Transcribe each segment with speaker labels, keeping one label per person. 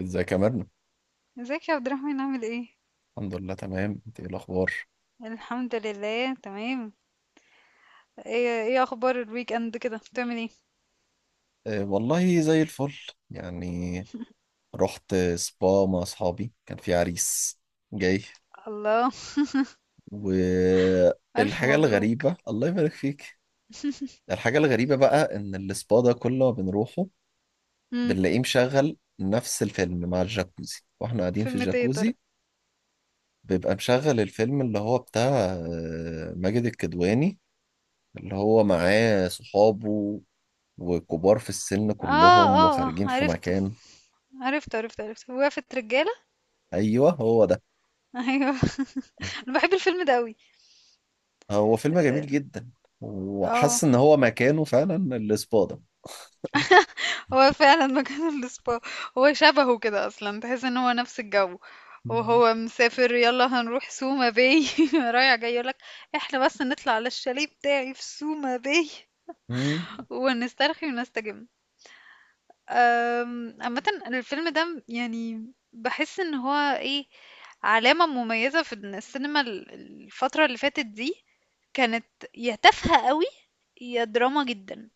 Speaker 1: ازيك يا مرنة؟
Speaker 2: ازيك يا عبد الرحمن، عامل ايه؟
Speaker 1: الحمد لله، تمام. انت ايه الاخبار؟
Speaker 2: الحمد لله تمام. ايه اخبار الويك اند، كده بتعمل ايه؟
Speaker 1: أه والله زي الفل، يعني رحت سبا مع اصحابي، كان في عريس جاي.
Speaker 2: الله. الف
Speaker 1: والحاجة
Speaker 2: مبروك.
Speaker 1: الغريبة الله يبارك فيك، الحاجة الغريبة بقى ان السبا ده كل ما بنروحه
Speaker 2: امم.
Speaker 1: بنلاقيه مشغل نفس الفيلم مع الجاكوزي واحنا قاعدين في
Speaker 2: فيلم ايه يا ترى؟
Speaker 1: الجاكوزي. بيبقى مشغل الفيلم اللي هو بتاع ماجد الكدواني، اللي هو معاه صحابه وكبار في السن
Speaker 2: اه،
Speaker 1: كلهم
Speaker 2: اه، اه،
Speaker 1: وخارجين في
Speaker 2: عرفته،
Speaker 1: مكان.
Speaker 2: عرفته، عرفته، عرفته، وقفة رجالة.
Speaker 1: ايوه هو ده.
Speaker 2: ايوه، انا بحب الفيلم ده قوي.
Speaker 1: هو فيلم جميل جدا،
Speaker 2: اه،
Speaker 1: وحاسس ان هو مكانه فعلا الاسبادة.
Speaker 2: هو فعلا مكان السبا. هو شبهه كده اصلا، تحس ان هو نفس الجو.
Speaker 1: مم.
Speaker 2: وهو مسافر يلا هنروح سوما باي. رايح جاي يقولك احنا بس نطلع على الشاليه بتاعي في سوما باي
Speaker 1: مم.
Speaker 2: ونسترخي ونستجم. عامة الفيلم ده يعني بحس ان هو ايه، علامة مميزة في إن السينما الفترة اللي فاتت دي كانت يا تافهة قوي، يا دراما جدا.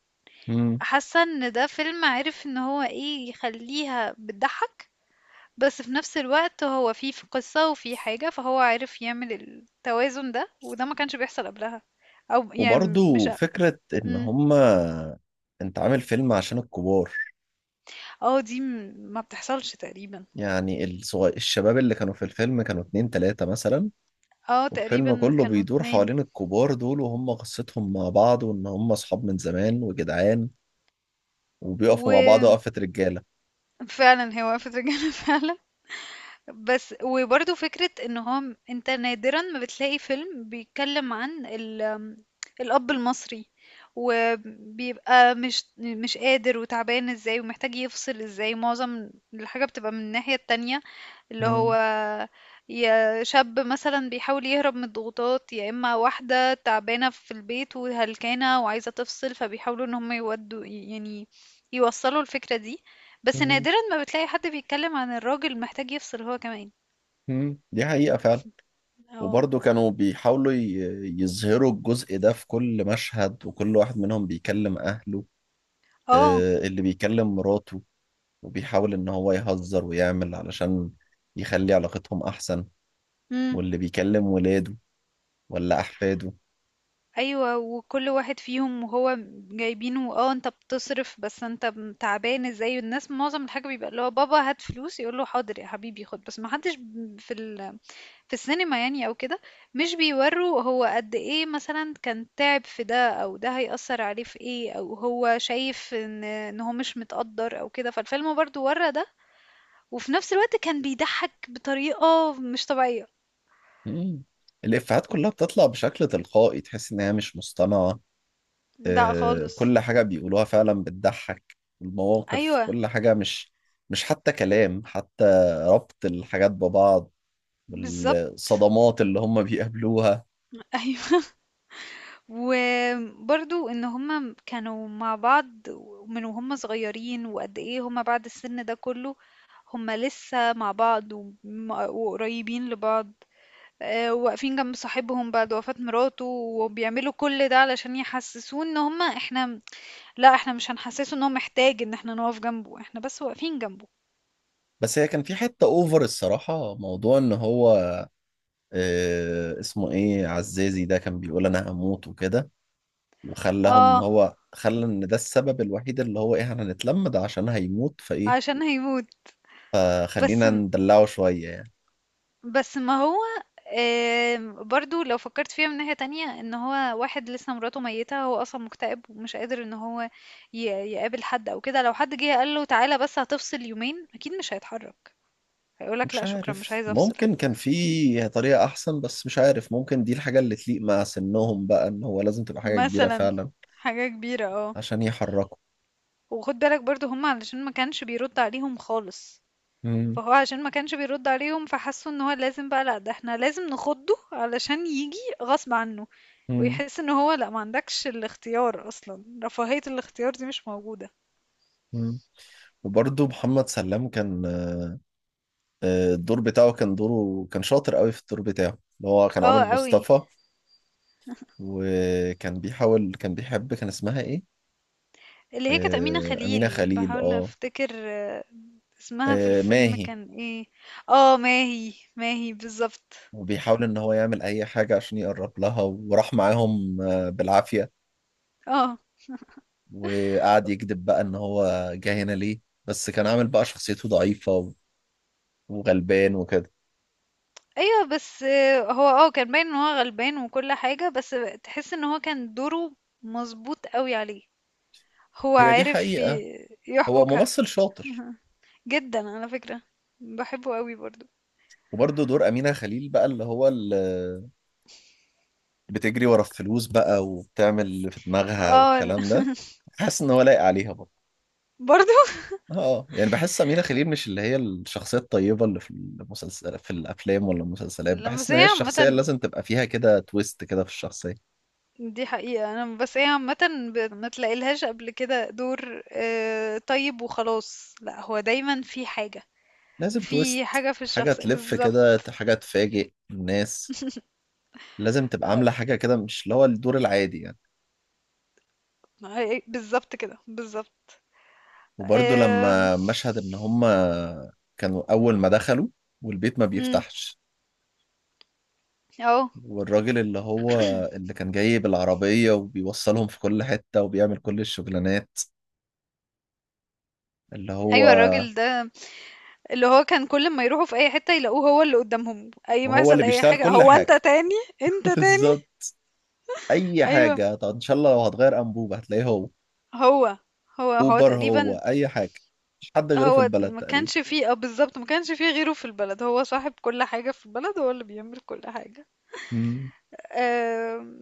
Speaker 1: مم.
Speaker 2: حاسة ان ده فيلم عارف ان هو ايه، يخليها بتضحك، بس في نفس الوقت هو فيه في قصة وفيه حاجة، فهو عارف يعمل التوازن ده، وده ما كانش بيحصل قبلها. او يعني مش.
Speaker 1: وبرضو
Speaker 2: اه
Speaker 1: فكرة ان
Speaker 2: مم.
Speaker 1: هما انت عامل فيلم عشان الكبار،
Speaker 2: آه، دي ما بتحصلش تقريبا.
Speaker 1: يعني الصغير، الشباب اللي كانوا في الفيلم كانوا اتنين تلاتة مثلا،
Speaker 2: اه،
Speaker 1: والفيلم
Speaker 2: تقريبا
Speaker 1: كله
Speaker 2: كانوا
Speaker 1: بيدور
Speaker 2: اتنين.
Speaker 1: حوالين الكبار دول وهم قصتهم مع بعض وان هم اصحاب من زمان وجدعان وبيقفوا مع بعض
Speaker 2: وفعلا
Speaker 1: وقفة رجالة.
Speaker 2: هي وقفت رجالة فعلا. بس وبرضه فكرة ان هو انت نادرا ما بتلاقي فيلم بيتكلم عن ال الأب المصري، وبيبقى مش قادر وتعبان ازاي، ومحتاج يفصل ازاي. معظم الحاجة بتبقى من الناحية التانية، اللي هو
Speaker 1: مم.
Speaker 2: يا شاب مثلا بيحاول يهرب من الضغوطات، يا اما واحدة تعبانة في البيت وهلكانة وعايزة تفصل، فبيحاولوا ان هم يودوا، يعني يوصلوا الفكرة دي. بس
Speaker 1: مم.
Speaker 2: نادرا ما بتلاقي حد بيتكلم عن الراجل محتاج يفصل هو كمان.
Speaker 1: مم، دي حقيقة فعلا.
Speaker 2: اه،
Speaker 1: وبرضه كانوا بيحاولوا يظهروا الجزء ده في كل مشهد، وكل واحد منهم بيكلم أهله.
Speaker 2: اه.
Speaker 1: اللي بيكلم مراته وبيحاول إن هو يهزر ويعمل علشان يخلي علاقتهم أحسن،
Speaker 2: امم.
Speaker 1: واللي بيكلم ولاده ولا أحفاده.
Speaker 2: ايوه، وكل واحد فيهم وهو جايبينه، انت بتصرف بس انت تعبان ازاي. الناس معظم الحاجه بيبقى اللي هو بابا هات فلوس، يقول له حاضر يا حبيبي خد، بس ما حدش في في السينما يعني او كده مش بيوروا هو قد ايه مثلا كان تعب في ده، او ده هيأثر عليه في ايه، او هو شايف ان هو مش متقدر او كده. فالفيلم برضو ورا ده، وفي نفس الوقت كان بيضحك بطريقة مش طبيعية.
Speaker 1: مم. الإفيهات كلها بتطلع بشكل تلقائي، تحس إن هي مش مصطنعة.
Speaker 2: لا خالص.
Speaker 1: كل حاجة بيقولوها فعلا بتضحك، المواقف
Speaker 2: ايوه.
Speaker 1: كل حاجة، مش حتى كلام، حتى ربط الحاجات ببعض
Speaker 2: بالظبط.
Speaker 1: بالصدمات اللي هم بيقابلوها.
Speaker 2: ايوه. وبرضو ان هما كانوا مع بعض من وهم صغيرين، وقد ايه هما بعد السن ده كله، هما لسه مع بعض وقريبين لبعض. آه، واقفين جنب صاحبهم بعد وفاة مراته، وبيعملوا كل ده علشان يحسسوه ان هما احنا. لا، احنا مش هنحسسه ان هو محتاج ان احنا نقف جنبه، احنا بس واقفين جنبه.
Speaker 1: بس هي كان في حتة اوفر الصراحة، موضوع ان هو اسمه ايه، عزازي ده كان بيقول انا هموت وكده، وخلاهم ان
Speaker 2: اه.
Speaker 1: هو خلى ان ده السبب الوحيد اللي هو ايه احنا هنتلم ده عشان هيموت، فايه
Speaker 2: عشان هيموت. بس
Speaker 1: خلينا ندلعه شوية يعني.
Speaker 2: بس ما هو. برضو لو فكرت فيها من ناحية تانية، ان هو واحد لسه مراته ميتة، هو اصلا مكتئب ومش قادر ان هو ي- يقابل حد او كده. لو حد جه قال له تعالى بس هتفصل يومين، اكيد مش هيتحرك، هيقولك لا
Speaker 1: مش
Speaker 2: شكرا مش
Speaker 1: عارف،
Speaker 2: عايز افصل.
Speaker 1: ممكن كان في طريقة احسن، بس مش عارف ممكن دي الحاجة اللي تليق مع سنهم بقى، ان هو لازم تبقى حاجة كبيرة
Speaker 2: مثلا
Speaker 1: فعلا
Speaker 2: حاجة كبيرة، اه.
Speaker 1: عشان يحركوا.
Speaker 2: وخد بالك برضو هم علشان ما كانش بيرد عليهم خالص،
Speaker 1: مم.
Speaker 2: فهو عشان ما كانش بيرد عليهم، فحسوا ان هو لازم بقى، لأ ده احنا لازم نخضه علشان ييجي غصب عنه،
Speaker 1: مم.
Speaker 2: ويحس ان هو لأ، ما عندكش الاختيار اصلا، رفاهية الاختيار دي مش موجودة.
Speaker 1: مم. وبرضه محمد سلام كان الدور بتاعه كان، دوره كان شاطر قوي في الدور بتاعه، اللي هو كان
Speaker 2: اه
Speaker 1: عامل
Speaker 2: قوي.
Speaker 1: مصطفى. وكان بيحاول، كان بيحب، كان اسمها ايه؟
Speaker 2: اللي هي كانت أمينة
Speaker 1: أمينة
Speaker 2: خليل،
Speaker 1: خليل،
Speaker 2: بحاول
Speaker 1: اه.
Speaker 2: افتكر، اسمها في الفيلم
Speaker 1: ماهي.
Speaker 2: كان ايه؟ اه، ماهي، ماهي بالظبط.
Speaker 1: وبيحاول ان هو يعمل اي حاجة عشان يقرب لها، وراح معاهم بالعافية،
Speaker 2: اه.
Speaker 1: وقعد يكذب بقى ان هو جه هنا ليه، بس كان عامل بقى شخصيته ضعيفة وغلبان وكده.
Speaker 2: ايوه، بس هو كان باين ان هو غلبان وكل حاجة. بس تحس ان هو كان دوره مظبوط قوي عليه، هو
Speaker 1: هي دي
Speaker 2: عارف
Speaker 1: حقيقة، هو
Speaker 2: يحبكها.
Speaker 1: ممثل شاطر.
Speaker 2: أها. جدًا على فكرة، باحبه أوي برضه.
Speaker 1: وبرضه دور أمينة خليل بقى اللي هو بتجري ورا الفلوس بقى وبتعمل اللي في دماغها
Speaker 2: آه، ال
Speaker 1: والكلام ده، حاسس ان هو لايق عليها برضه.
Speaker 2: برضه!
Speaker 1: اه يعني بحس أمينة خليل مش اللي هي الشخصية الطيبة اللي في المسلسل، في الأفلام ولا المسلسلات،
Speaker 2: لأ،
Speaker 1: بحس
Speaker 2: بس
Speaker 1: إن
Speaker 2: هي
Speaker 1: هي الشخصية اللي
Speaker 2: عامةً،
Speaker 1: لازم تبقى فيها كده تويست كده في الشخصية.
Speaker 2: دي حقيقة. أنا بس هي عامةً ب ما تلاقيلهاش قبل كده دور طيب وخلاص. لأ، هو دايمًا في حاجة،
Speaker 1: لازم تويست،
Speaker 2: في حاجة في
Speaker 1: حاجة
Speaker 2: الشخص
Speaker 1: تلف كده،
Speaker 2: بالضبط.
Speaker 1: حاجة تفاجئ الناس، لازم تبقى عاملة حاجة كده مش اللي هو الدور العادي يعني.
Speaker 2: بالضبط كده، بالضبط.
Speaker 1: وبرضه
Speaker 2: آمم.
Speaker 1: لما مشهد إن هما كانوا أول ما دخلوا والبيت ما
Speaker 2: إمم.
Speaker 1: بيفتحش،
Speaker 2: آه.
Speaker 1: والراجل اللي هو اللي كان جاي بالعربية وبيوصلهم في كل حتة وبيعمل كل الشغلانات، اللي هو
Speaker 2: أيوه الراجل ده، اللي هو كان كل أمّا يروحوا في أي حتة يلاقوه هو اللي قدّامهم، أي ما
Speaker 1: وهو اللي
Speaker 2: يحصل أي
Speaker 1: بيشتغل
Speaker 2: حاجة،
Speaker 1: كل
Speaker 2: "هو أنت
Speaker 1: حاجة.
Speaker 2: تاني؟ أنت تاني؟"
Speaker 1: بالظبط، أي
Speaker 2: أيوه،
Speaker 1: حاجة، طب إن شاء الله لو هتغير أنبوبة هتلاقيه هو،
Speaker 2: هو، هو
Speaker 1: أوبر هو،
Speaker 2: تقريبًا.
Speaker 1: أي حاجة، مش حد غيره في
Speaker 2: هو
Speaker 1: البلد
Speaker 2: ما
Speaker 1: تقريبا.
Speaker 2: كانش فيه، بالظبط، ما كانش فيه غيره في البلد، هو صاحب كل حاجة في البلد، هو اللي بيعمل كل حاجة.
Speaker 1: مم.
Speaker 2: أم...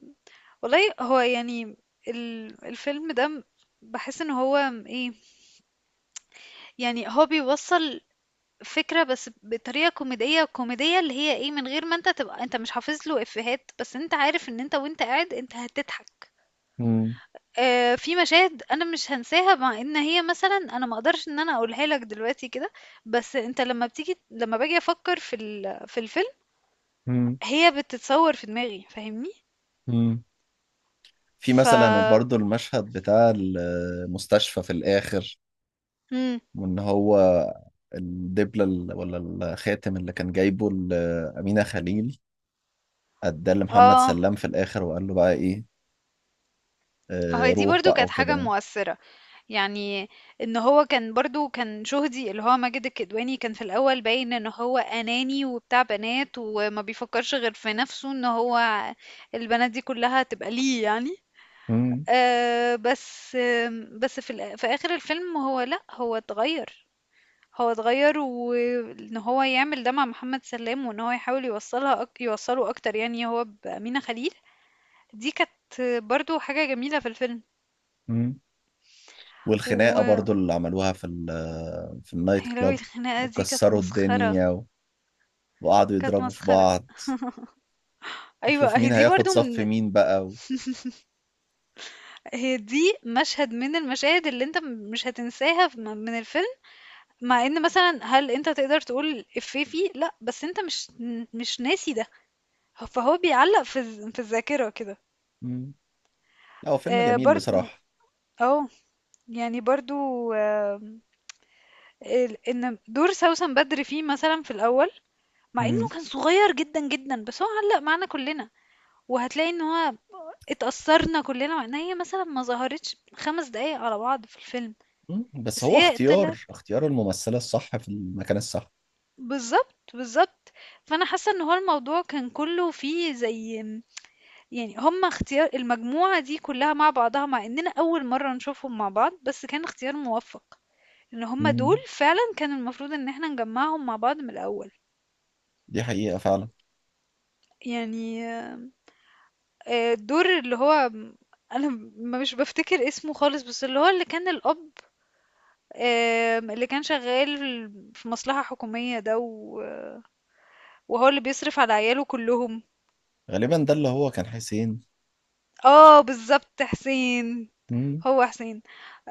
Speaker 2: والله هو يعني ال- الفيلم ده م- بحس ان هو م- ايه يعني هو بيوصل فكرة، بس بطريقة كوميدية كوميدية اللي هي ايه، من غير ما انت تبقى انت مش حافظ له افيهات، بس انت عارف ان انت وانت قاعد انت هتضحك.
Speaker 1: مم.
Speaker 2: في مشاهد أنا مش هانساها، مع إن هي مثلًا أنا ما أقدرش إن أنا أقولها لك دلوقتي كده، بس أنت لمّا باجي أفكّر في في الفيلم،
Speaker 1: مم.
Speaker 2: هي بتتصوّر في دماغي، فاهمني؟
Speaker 1: مم. في
Speaker 2: ف
Speaker 1: مثلا برضو المشهد بتاع المستشفى في الآخر،
Speaker 2: إمم،
Speaker 1: وإن هو الدبلة ولا الخاتم اللي كان جايبه أمينة خليل اداه لمحمد
Speaker 2: آه،
Speaker 1: سلام في الاخر، وقال له بقى ايه،
Speaker 2: هي دي
Speaker 1: روح
Speaker 2: برضه
Speaker 1: بقى
Speaker 2: كانت حاجة
Speaker 1: وكده.
Speaker 2: مؤثّرة، يعني إن هو كان برضه، كان شهدي اللي هو ماجد الكدواني، كان في الأول باين إن هو أناني وبتاع بنات وما بيفكّرش غير في نَفْسه، إن هو البنات دي كُلّها تبقى ليه يعني.
Speaker 1: مم.
Speaker 2: بس في في آخر الفيلم هو لأ، هو اتغيّر. هو اتغيّر وإن هو يعمل ده مع محمد سلام، وإن هو يحاول يوصّله أكتر يعني، هو بأمينة خليل. دي كانت برضه حاجة جميلة في الفيلم.
Speaker 1: مم. والخناقه برضو
Speaker 2: و
Speaker 1: اللي عملوها في في النايت
Speaker 2: يا لهوي،
Speaker 1: كلاب،
Speaker 2: الخناقة دي كانت
Speaker 1: وكسروا
Speaker 2: مسخرة،
Speaker 1: الدنيا و... وقعدوا
Speaker 2: كانت
Speaker 1: يضربوا في
Speaker 2: مسخرة.
Speaker 1: بعض، وشوف
Speaker 2: أيوه، أهي
Speaker 1: مين
Speaker 2: دي
Speaker 1: هياخد
Speaker 2: برضه
Speaker 1: صف
Speaker 2: من،
Speaker 1: مين بقى. و...
Speaker 2: هي دي مشهد من المشاهد اللي أنت مش هتنساها ف من من الفيلم، مع إن مثلًا هل أنت تقدر تقول إفيه فيه؟ لأ، بس أنت مش ناسي ده. فهو بيعلّق في في الذاكرة كده.
Speaker 1: مم. لا هو فيلم جميل
Speaker 2: برضه،
Speaker 1: بصراحه.
Speaker 2: آه. يعني برضه. آمم. ال إن دور سوسن بدر فيه مثلًا في الأول، مع إنه
Speaker 1: مم.
Speaker 2: كان صغير جدًا، جدًا، بس هو علّق معانا كُلّنا، وهتلاقي إن هو اتأثّرنا كُلّنا، مع إن هي مثلًا ما ظهرتش 5 دقايق على بعض في الفيلم،
Speaker 1: مم، بس
Speaker 2: بس
Speaker 1: هو
Speaker 2: هي طلعت.
Speaker 1: اختيار الممثله الصح في المكان الصح.
Speaker 2: بالضبط، بالضبط. فأنا حاسّة إن هو الموضوع كان كُلّه فيه زي، يعني هم اختيار المجموعة دي كلّها مع بعضها، مع إننا أول مرّة نشوفهم مع بعض، بس كان اختيار موفّق، إن هم دول
Speaker 1: مم،
Speaker 2: فعلًا كان المفروض إن إحنا نجمّعهم مع بعض من الأول.
Speaker 1: دي حقيقه فعلا.
Speaker 2: يعني الدور اللي هو أنا مش بافتكر اسمه خالص، بس اللي هو اللي كان الأب، اللي كان شغّال في مصلحة حكومية ده، وهو اللي بيصرف على عياله كلّهم.
Speaker 1: غالبا ده اللي هو كان حسين.
Speaker 2: آه بالضبط، حسين،
Speaker 1: مم.
Speaker 2: هو حسين.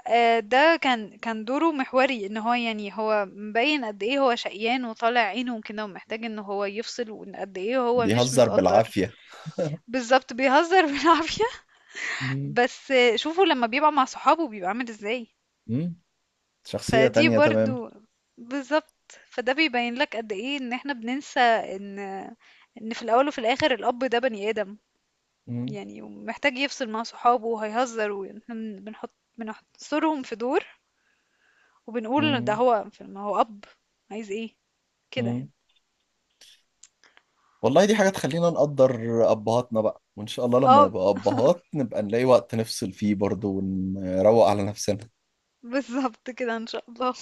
Speaker 2: آه، ده كان دوره محوري، ان هو يعني هو مبين قد ايه هو شقيان وطالع عينه وكده، ومحتاج ان هو يفصل، وان قد ايه هو مش
Speaker 1: بيهزر
Speaker 2: متقدر.
Speaker 1: بالعافيه.
Speaker 2: بالظبط بيهزر بالعافية.
Speaker 1: مم.
Speaker 2: بس شوفوا لما بيبقى مع صحابه بيبقى عامل ازاي.
Speaker 1: مم، شخصيه
Speaker 2: فدي
Speaker 1: تانية تمام.
Speaker 2: برضو بالظبط، فده بيبين لك قد ايه ان احنا بننسى ان في الاول وفي الاخر الاب ده بني ادم،
Speaker 1: مم.
Speaker 2: يعني ومحتاج يفصل مع صحابه وهيهزر، واحنا بنحصرهم في دور، وبنقول ده
Speaker 1: مم.
Speaker 2: هو، ما هو أب، عايز ايه كده
Speaker 1: مم،
Speaker 2: يعني.
Speaker 1: والله دي حاجة تخلينا نقدر أبهاتنا بقى، وإن شاء الله لما
Speaker 2: اه،
Speaker 1: نبقى أبهات نبقى نلاقي وقت نفصل فيه برضه ونروق على نفسنا.
Speaker 2: بالظبط كده ان شاء الله.